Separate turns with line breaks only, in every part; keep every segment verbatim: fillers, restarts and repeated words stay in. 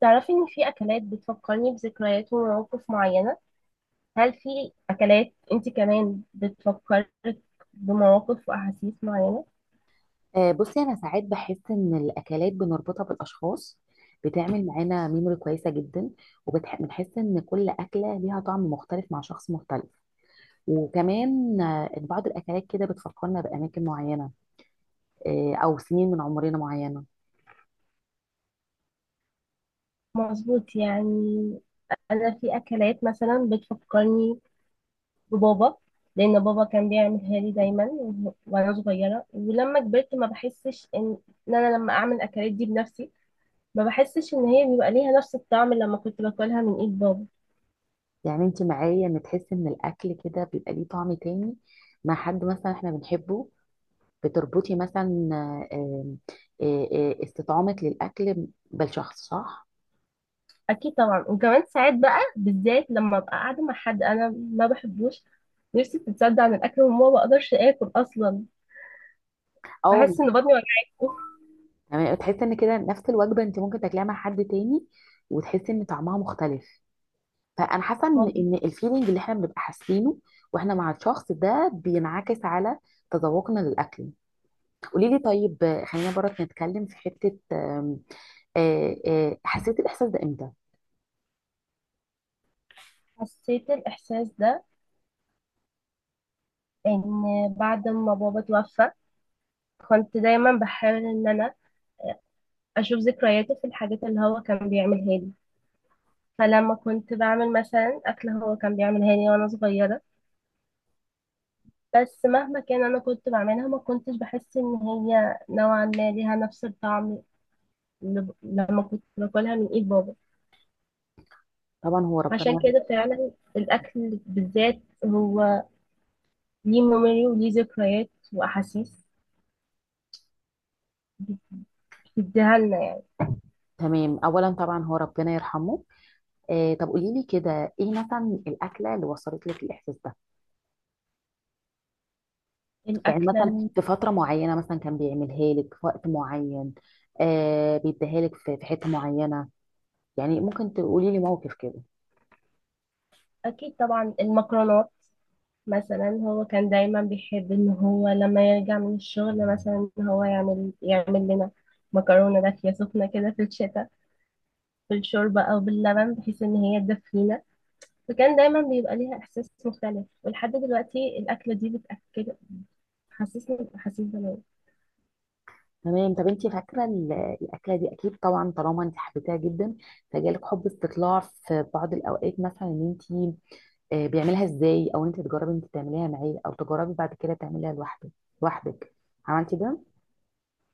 تعرفي إن في أكلات بتفكرني بذكريات ومواقف معينة. هل في أكلات أنت كمان بتفكرك بمواقف وأحاسيس معينة؟
آه، بصي، انا ساعات بحس ان الاكلات بنربطها بالاشخاص بتعمل معانا ميموري كويسه جدا. وبنحس ان كل اكله ليها طعم مختلف مع شخص مختلف. وكمان آه، إن بعض الاكلات كده بتفكرنا باماكن معينه، آه، او سنين من عمرنا معينه.
مظبوط، يعني أنا في أكلات مثلا بتفكرني ببابا، لأن بابا كان بيعملها لي دايما وه- وأنا صغيرة. ولما كبرت ما بحسش إن إن أنا لما أعمل الأكلات دي بنفسي، ما بحسش إن هي بيبقى ليها نفس الطعم اللي لما كنت باكلها من إيد بابا.
يعني انت معايا ان تحس ان الاكل كده بيبقى ليه طعم تاني مع حد مثلا احنا بنحبه. بتربطي مثلا آه، آه، آه، استطعامك للاكل بالشخص، صح؟
اكيد طبعا، وكمان ساعات بقى بالذات لما ابقى قاعده مع حد انا ما بحبوش، نفسي بتتصدع عن الاكل وما بقدرش اكل اصلا.
او.
بحس ان بطني وجعاني. أوف.
تمام، تحس ان كده نفس الوجبه انت ممكن تاكليها مع حد تاني وتحسي ان طعمها مختلف. فانا حاسه ان ان
ما
الفيلينج اللي احنا بنبقى حاسينه واحنا مع الشخص ده بينعكس على تذوقنا للاكل. قولي لي طيب، آه، خلينا برك نتكلم في حته. آم، آه، آه، حسيت الاحساس ده امتى؟
حسيت الاحساس ده ان بعد ما بابا توفى كنت دايما بحاول ان انا اشوف ذكرياته في الحاجات اللي هو كان بيعملها لي. فلما كنت بعمل مثلا اكل هو كان بيعملها لي وانا صغيره، بس مهما كان انا كنت بعملها ما كنتش بحس ان هي نوعا ما ليها نفس الطعم ل- لما كنت باكلها من ايد بابا.
طبعا هو
عشان
ربنا.
كده فعلا الاكل بالذات هو ليه ميموري وليه ذكريات واحاسيس بتديها لنا يعني.
تمام، اولا طبعا هو ربنا يرحمه. آه، طب قولي لي كده، ايه مثلا الاكله اللي وصلت لك الاحساس ده؟ يعني
الاكله
مثلا
ال-
في فترة معينة مثلا كان بيعملها لك في وقت معين. آه بيديها لك في في حتة معينة. يعني ممكن تقولي لي موقف كده؟
اكيد طبعا المكرونات مثلا. هو كان دايما بيحب ان هو لما يرجع من الشغل مثلا إن هو يعمل يعمل لنا مكرونه دافيه سخنه كده في الشتاء، بالشوربه او باللبن، بحيث ان هي تدفينا. فكان دايما بيبقى ليها احساس مختلف، ولحد دلوقتي الاكله دي بتاكل حسسني بأحاسيس زمان.
تمام، طب انت فاكرة ال- الأكلة دي. أكيد طبعا طالما انت حبيتها جدا، فجالك حب استطلاع في بعض الأوقات مثلا ان انت آه بيعملها ازاي، أو انت تجربي انت تعمليها معاه، أو تجربي بعد كده تعمليها لوحدك. لوحدك عملتي ده؟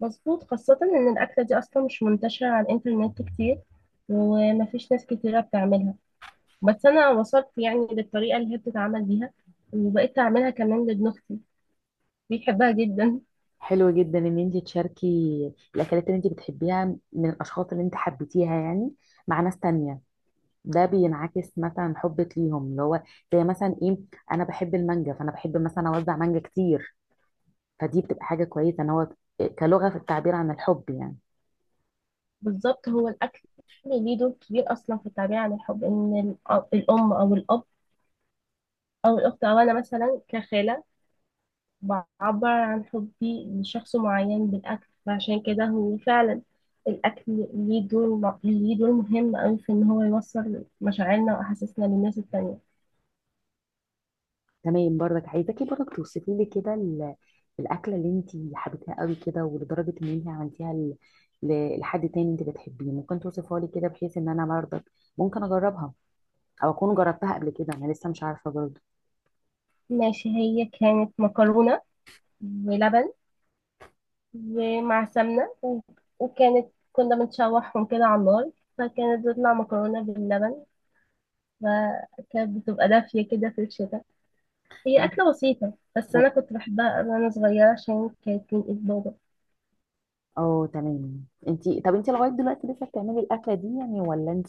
مظبوط، خاصة إن الأكلة دي أصلا مش منتشرة على الإنترنت كتير ومفيش ناس كتيرة بتعملها. بس أنا وصلت يعني للطريقة اللي هي بتتعمل بيها، وبقيت أعملها كمان لابن أختي بيحبها جدا.
حلو جدا ان انت تشاركي الأكلات اللي انت بتحبيها من الأشخاص اللي انت حبيتيها يعني، مع ناس تانية. ده بينعكس مثلا حبك ليهم اللي هو زي مثلا ايه، انا بحب المانجا فانا بحب مثلا اوزع مانجا كتير، فدي بتبقى حاجه كويسه ان هو كلغه في التعبير عن الحب يعني.
بالظبط، هو الأكل ليه دور كبير أصلا في التعبير عن الحب، إن الأ- الأم أو الأب أو الأخت أو أنا مثلا كخالة بعبر عن حبي لشخص معين بالأكل. فعشان كده هو فعلا الأكل ليه دور ليه دور مهم أوي في إن هو يوصل مشاعرنا وأحاسيسنا للناس التانية.
تمام، برضك عايزاكي برضك توصفي لي كده ال- الاكله اللي انت حبيتيها قوي كده، ولدرجه ان انت عملتيها ل- ل- لحد تاني انت بتحبيه، ممكن توصفها لي كده بحيث ان انا برضك ممكن اجربها، او اكون جربتها قبل كده، انا لسه مش عارفه برضه.
ماشي، هي كانت مكرونة ولبن ومع سمنة و- وكانت كنا بنشوحهم كده على النار، فكانت بتطلع مكرونة باللبن، فكانت بتبقى دافية كده في الشتاء. هي
طب
أكلة بسيطة بس أنا
انت-
كنت بحبها أوي وأنا صغيرة عشان كانت من إيد بابا.
اه تمام، انت طب انت لغايه دلوقتي لسه بتعملي الاكله دي يعني، ولا انت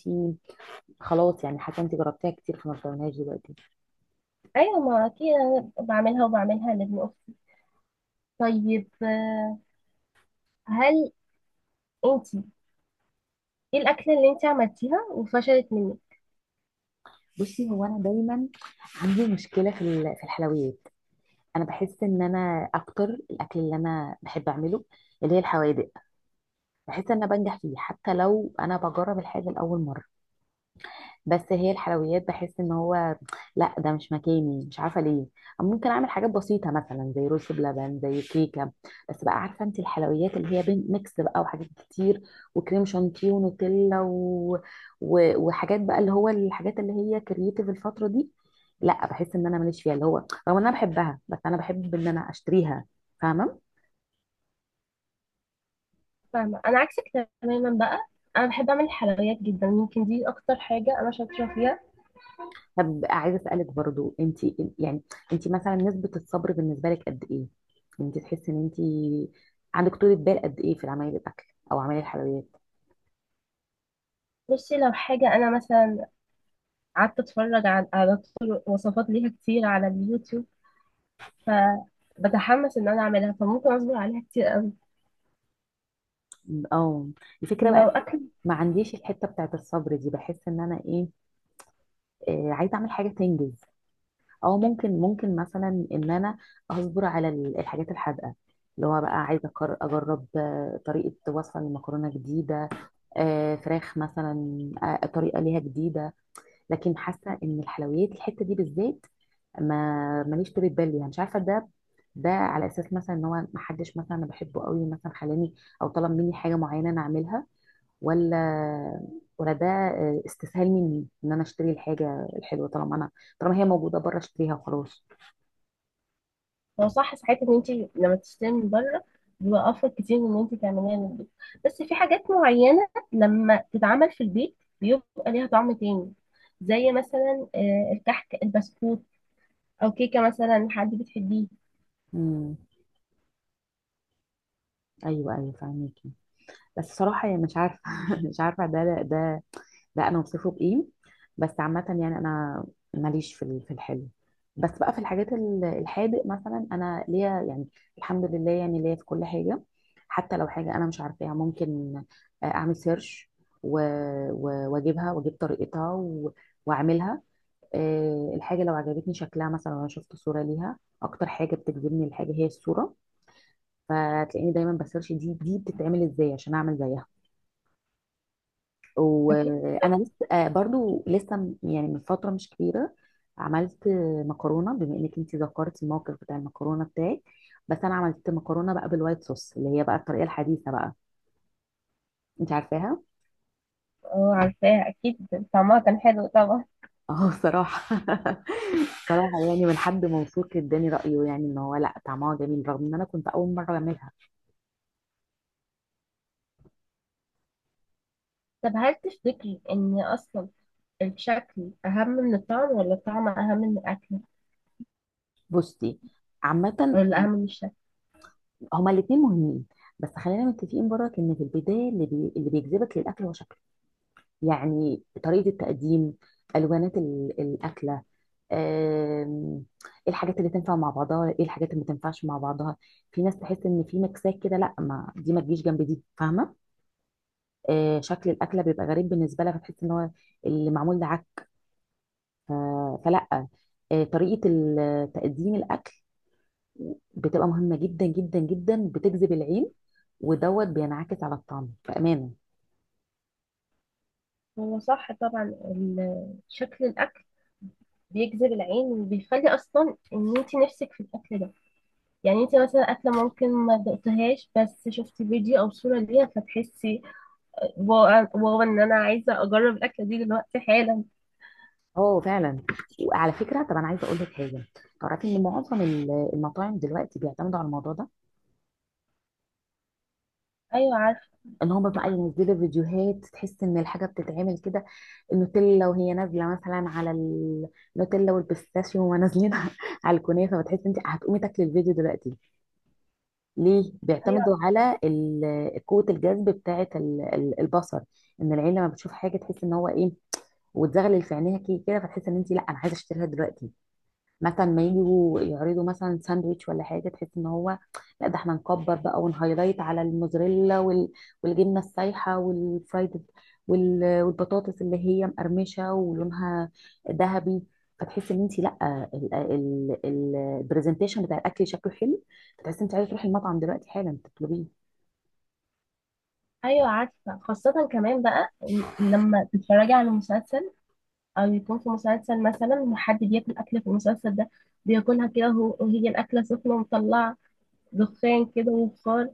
خلاص يعني حاجه انت جربتيها كتير فما بتعملهاش دلوقتي؟
ايوه، ما اكيد انا بعملها وبعملها لابن اختي. طيب، آه، هل انت ايه الاكله اللي انت عملتيها وفشلت منك؟
بصي، هو انا دايما عندي مشكله في ال- في الحلويات. انا بحس ان انا اكتر الاكل اللي انا بحب اعمله اللي هي الحوادق، بحس ان انا بنجح فيه حتى لو انا بجرب الحاجه لاول مره. بس هي الحلويات بحس ان هو لا، ده مش مكاني، مش عارفه ليه. ممكن اعمل حاجات بسيطه مثلا زي رز بلبن، زي كيكه. بس بقى عارفه انت، الحلويات اللي هي بين ميكس بقى وحاجات كتير وكريم شانتيه ونوتيلا و... و... وحاجات بقى اللي هو الحاجات اللي هي كرييتيف الفتره دي. لا، بحس ان انا ماليش فيها اللي هو، رغم ان انا بحبها بس انا بحب ان انا اشتريها. فاهمه؟
فاهمه، انا عكسك تماما بقى. انا بحب اعمل حلويات جدا، يمكن دي اكتر حاجه انا شاطره فيها.
طب عايزه اسالك برضو انت يعني، انت مثلا نسبه الصبر بالنسبه لك قد ايه؟ يعني انت تحسي ان انت عندك طولة بال قد ايه في عمايل الاكل، او عمايل الحلويات؟
بصي، لو حاجه انا مثلا قعدت اتفرج على على طرق وصفات ليها كتير على اليوتيوب، فبتحمس ان انا اعملها فممكن اصبر عليها كتير قوي.
اه الفكره
لو
بقى
اكل
ما عنديش الحته بتاعت الصبر دي، بحس ان انا ايه، آه عايزه اعمل حاجه تنجز. او ممكن ممكن مثلا ان انا اصبر على ال- الحاجات الحادقه، اللي هو بقى عايزه أقر- اجرب آه، طريقه وصفه لمكرونه جديده، آه، فراخ مثلا، آه، طريقه ليها جديده. لكن حاسه ان الحلويات الحته دي بالذات، ما ماليش طولة بال يعني، مش عارفه ده ده على اساس مثلا ان هو ما حدش مثلا انا بحبه قوي مثلا خلاني او طلب مني حاجه معينه انا اعملها، ولا ولا ده آه، استسهال مني ان انا اشتري الحاجه الحلوه طالما انا طالما هي موجوده بره اشتريها وخلاص.
هو صح ساعات ان انت لما تشتري من بره بيبقى افضل كتير من ان انت تعمليها من البيت، بس في حاجات معينه لما تتعمل في البيت بيبقى ليها طعم تاني، زي مثلا آه، الكحك البسكوت، او كيكه مثلا حد بتحبيه.
امم، ايوه، ايوه، فاهميكي. بس صراحه يعني مش عارفه مش عارفه ده ده، لا انا وصفه بايه. بس عامه يعني انا ماليش في ال- في الحلو. بس بقى في الحاجات ال- الحادق مثلا انا ليا يعني، الحمد لله يعني ليا في كل حاجه. حتى لو حاجه انا مش عارفاها ممكن اعمل سيرش و- و- واجيبها واجيب طريقتها و- واعملها. آه، الحاجه لو عجبتني شكلها مثلا وانا شفت صوره ليها، اكتر حاجه بتجذبني الحاجه هي الصوره. فتلاقيني دايما بسيرش دي دي بتتعمل ازاي عشان اعمل زيها.
اكيد.
وانا لسه آه، برضو لسه م- يعني من فتره مش كبيره عملت مكرونه، بما انك انت ذكرت الموقف بتاع المكرونه بتاعك. بس انا عملت مكرونه بقى بالوايت صوص اللي هي بقى الطريقه الحديثه بقى، انت عارفاها.
اه عارفاها اكيد. طعمها كان حلو طبعا.
اه صراحه صراحه يعني، من حد موثوق اداني رايه يعني ان هو لا، طعمها جميل رغم ان انا كنت اول مره اعملها.
طب هل تفتكري ان اصلا الشكل اهم من الطعم، ولا الطعم اهم من الاكل،
بصي، عامه
ولا اهم من الشكل؟
هما الاثنين مهمين. بس خلينا متفقين برك ان في البدايه اللي بي... اللي بيجذبك للاكل هو شكله، يعني طريقة التقديم، ألوانات ال- الأكلة. آم، ايه الحاجات اللي تنفع مع بعضها، ايه الحاجات اللي ما تنفعش مع بعضها. في ناس تحس ان في مكسات كده، لا ما دي ما تجيش جنب دي، فاهمة؟ آه، شكل الأكلة بيبقى غريب بالنسبة لها، فتحس ان هو اللي معمول ده عك. ف- فلا، آه، طريقة ال- تقديم الأكل بتبقى مهمة جدا جدا جدا، بتجذب العين ودوت بينعكس على الطعم بأمانة.
هو صح طبعا ال- شكل الاكل بيجذب العين وبيخلي اصلا ان انت نفسك في الاكل ده. يعني انت مثلا اكله ممكن ما دقتهاش بس شفتي فيديو او صوره ليها، فتحسي واو واو ان انا عايزه اجرب الاكله دي دلوقتي حالا.
اه فعلا. وعلى فكره طب انا عايزه اقول لك حاجه، تعرفي ان معظم ال- المطاعم دلوقتي بيعتمدوا على الموضوع ده؟
ايوه عارفه.
ان هم بقى ينزلوا فيديوهات تحس ان الحاجه بتتعمل كده، النوتيلا وهي نازله مثلا على ال- النوتيلا والبيستاشيو وهما نازلين على الكنافه، فتحس انت هتقومي تاكلي الفيديو دلوقتي. ليه
ايوه،
بيعتمدوا على ال- قوه الجذب بتاعه ال- ال- البصر. ان العين لما بتشوف حاجه تحس ان هو ايه، وتزغلل في عينيها كي- كده، فتحس ان انت لا، انا عايزه اشتريها دلوقتي. مثلا ما يجوا يعرضوا مثلا ساندويتش ولا حاجه تحس ان هو لا، ده احنا نكبر بقى ونهايلايت على الموزاريلا وال... والجبنه السايحه والفرايد وال... والبطاطس اللي هي مقرمشه ولونها ذهبي. فتحس ان انت لا، ال- ال- ال- البرزنتيشن بتاع الاكل شكله حلو، فتحس ان انت عايزه تروحي المطعم دلوقتي حالا تطلبيه.
ايوه، عارفه، خاصه كمان بقى لما تتفرجي على مسلسل، او يكون في مسلسل مثلا وحد بياكل اكله في المسلسل ده، بياكلها كده وهو- وهي الاكله سخنه مطلعه دخان كده وبخار،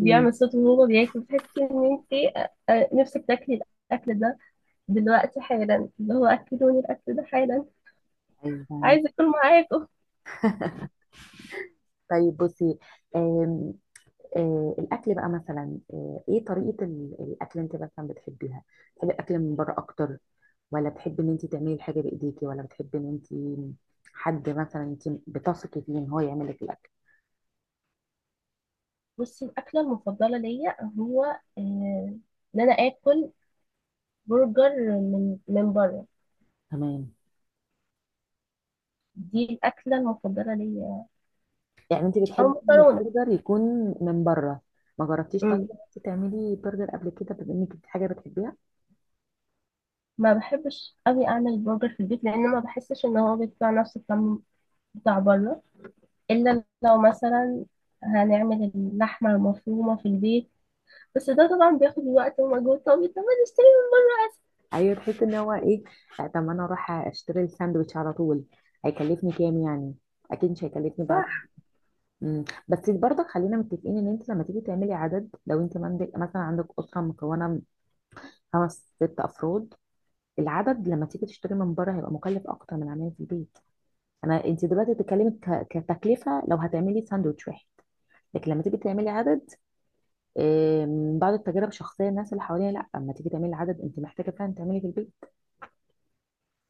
مم.
صوت وهو بياكل، بتحس ان انت آه، آه، نفسك تاكلي الاكل ده دلوقتي حالا، اللي هو اكلوني الاكل ده حالا،
ايوه، فاهمك.
عايزه اكل معاكم.
طيب بصي، آم، آه، الاكل بقى مثلا، آه، ايه طريقه ال- الاكل اللي انت مثلا بتحبيها؟ بتحبي الاكل من بره اكتر، ولا بتحبي ان انت تعملي الحاجه بايديكي، ولا بتحبي ان انت حد مثلا انت بتثقي فيه ان هو يعمل لك الاكل؟
بصي، الاكله المفضله ليا هو آه، ان انا اكل برجر من من بره.
تمام،
دي الاكله المفضله ليا،
يعني انت
او
بتحبي ان
مكرونه.
البرجر يكون من بره. ما جربتيش طيب
أمم.
ان انت تعملي برجر قبل كده بما انك دي حاجه بتحبيها؟
ما بحبش قوي اعمل برجر في البيت لان ما بحسش ان هو بيطلع نفس الطعم بتاع بره، إلا لو مثلا هنعمل اللحمة مفرومة في البيت، بس ده طبعا بياخد وقت ومجهود. طب طب ما نشتري.
ايوه، تحسي ان هو ايه؟ آه، طب ما انا اروح اشتري الساندوتش على طول، هيكلفني كام يعني؟ اكيد مش هيكلفني بعد.
صح.
مم. بس برضك خلينا متفقين ان انت لما تيجي تعملي عدد، لو انت عندك مثلا عندك اسره مكونه من خمس ست افراد، العدد لما تيجي تشتري من بره هيبقى مكلف اكتر من عمايل في البيت. انا انت دلوقتي بتتكلمي ك- كتكلفه لو هتعملي ساندوتش واحد. لكن لما تيجي تعملي عدد، آه، من بعض التجارب الشخصيه الناس اللي حواليها، لا اما تيجي تعملي عدد انت محتاجه فعلا تعملي في البيت.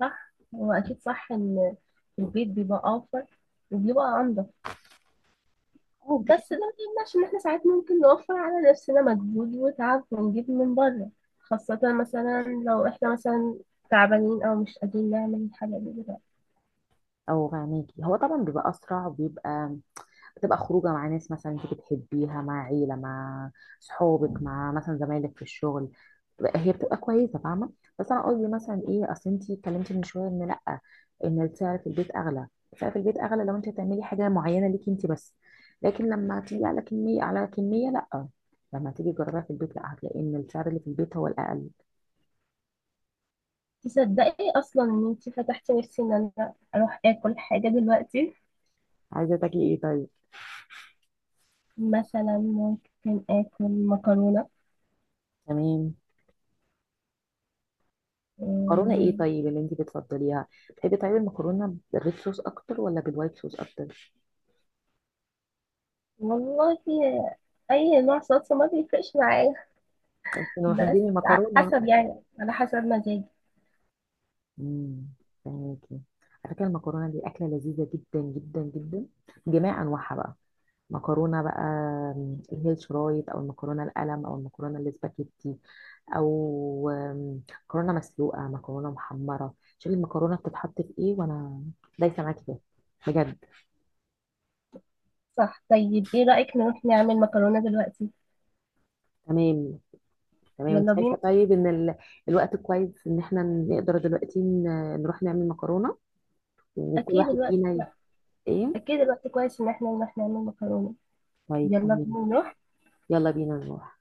صح، هو أكيد صح إن في البيت بيبقى أوفر وبيبقى أنضف،
او
بس ده
بتجيبي-
ما يمنعش إن إحنا ساعات ممكن نوفر على نفسنا مجهود وتعب ونجيب من بره، خاصة مثلا لو إحنا مثلا تعبانين أو مش قادرين نعمل الحاجة دي دلوقتي.
او غنيكي هو طبعا بيبقى اسرع وبيبقى بتبقى خروجه مع ناس مثلا انت بتحبيها، مع عيله، مع صحابك، مع مثلا زمايلك في الشغل. بتبقى- هي بتبقى كويسه، فاهمه. بس انا قصدي مثلا ايه، اصل انت اتكلمتي من شويه ان لا ان السعر في البيت اغلى. السعر في البيت اغلى لو انت هتعملي حاجه معينه ليكي انت بس. لكن لما تيجي على كميه على كميه، لا، لما تيجي تجربيها في البيت، لا، هتلاقي ان السعر اللي في البيت هو الاقل.
تصدقي أصلا إن أنتي فتحتي نفسي إن أنا أروح آكل حاجة دلوقتي.
عايزه تاكلي ايه طيب؟
مثلا ممكن آكل مكرونة.
تمام. مكرونه ايه
مم،
طيب اللي انت بتفضليها؟ بتحبي طيب المكرونه بالريد صوص اكتر، ولا بالوايت صوص اكتر؟
والله أي نوع صلصة ما بيفرقش معايا،
من
بس
محبين
على
المكرونه.
حسب يعني على حسب مزاجي.
امم فهميكي. على فكره، المكرونه دي اكله لذيذه جدا جدا جدا، جميع انواعها بقى. مكرونه بقى أم، اللي هي الشرايط، او المكرونه القلم، او المكرونه الاسباجيتي، او أم، مكرونه مسلوقه، مكرونه محمره. شوفي المكرونه بتتحط في ايه وانا دايسه معاكي فيها، بجد.
صح، طيب إيه رأيك نروح نعمل مكرونة دلوقتي؟
تمام، تمام انت
يلا
شايفه
بينا.
طيب ان ال... الوقت كويس ان احنا نقدر دلوقتي ن... نروح نعمل مكرونه، وكل
أكيد
واحد
الوقت
فينا ي-
لا
ايه؟
أكيد الوقت كويس إن إحنا نروح نعمل مكرونة.
طيب،
يلا
تمام.
بينا.
يلا بينا نروح.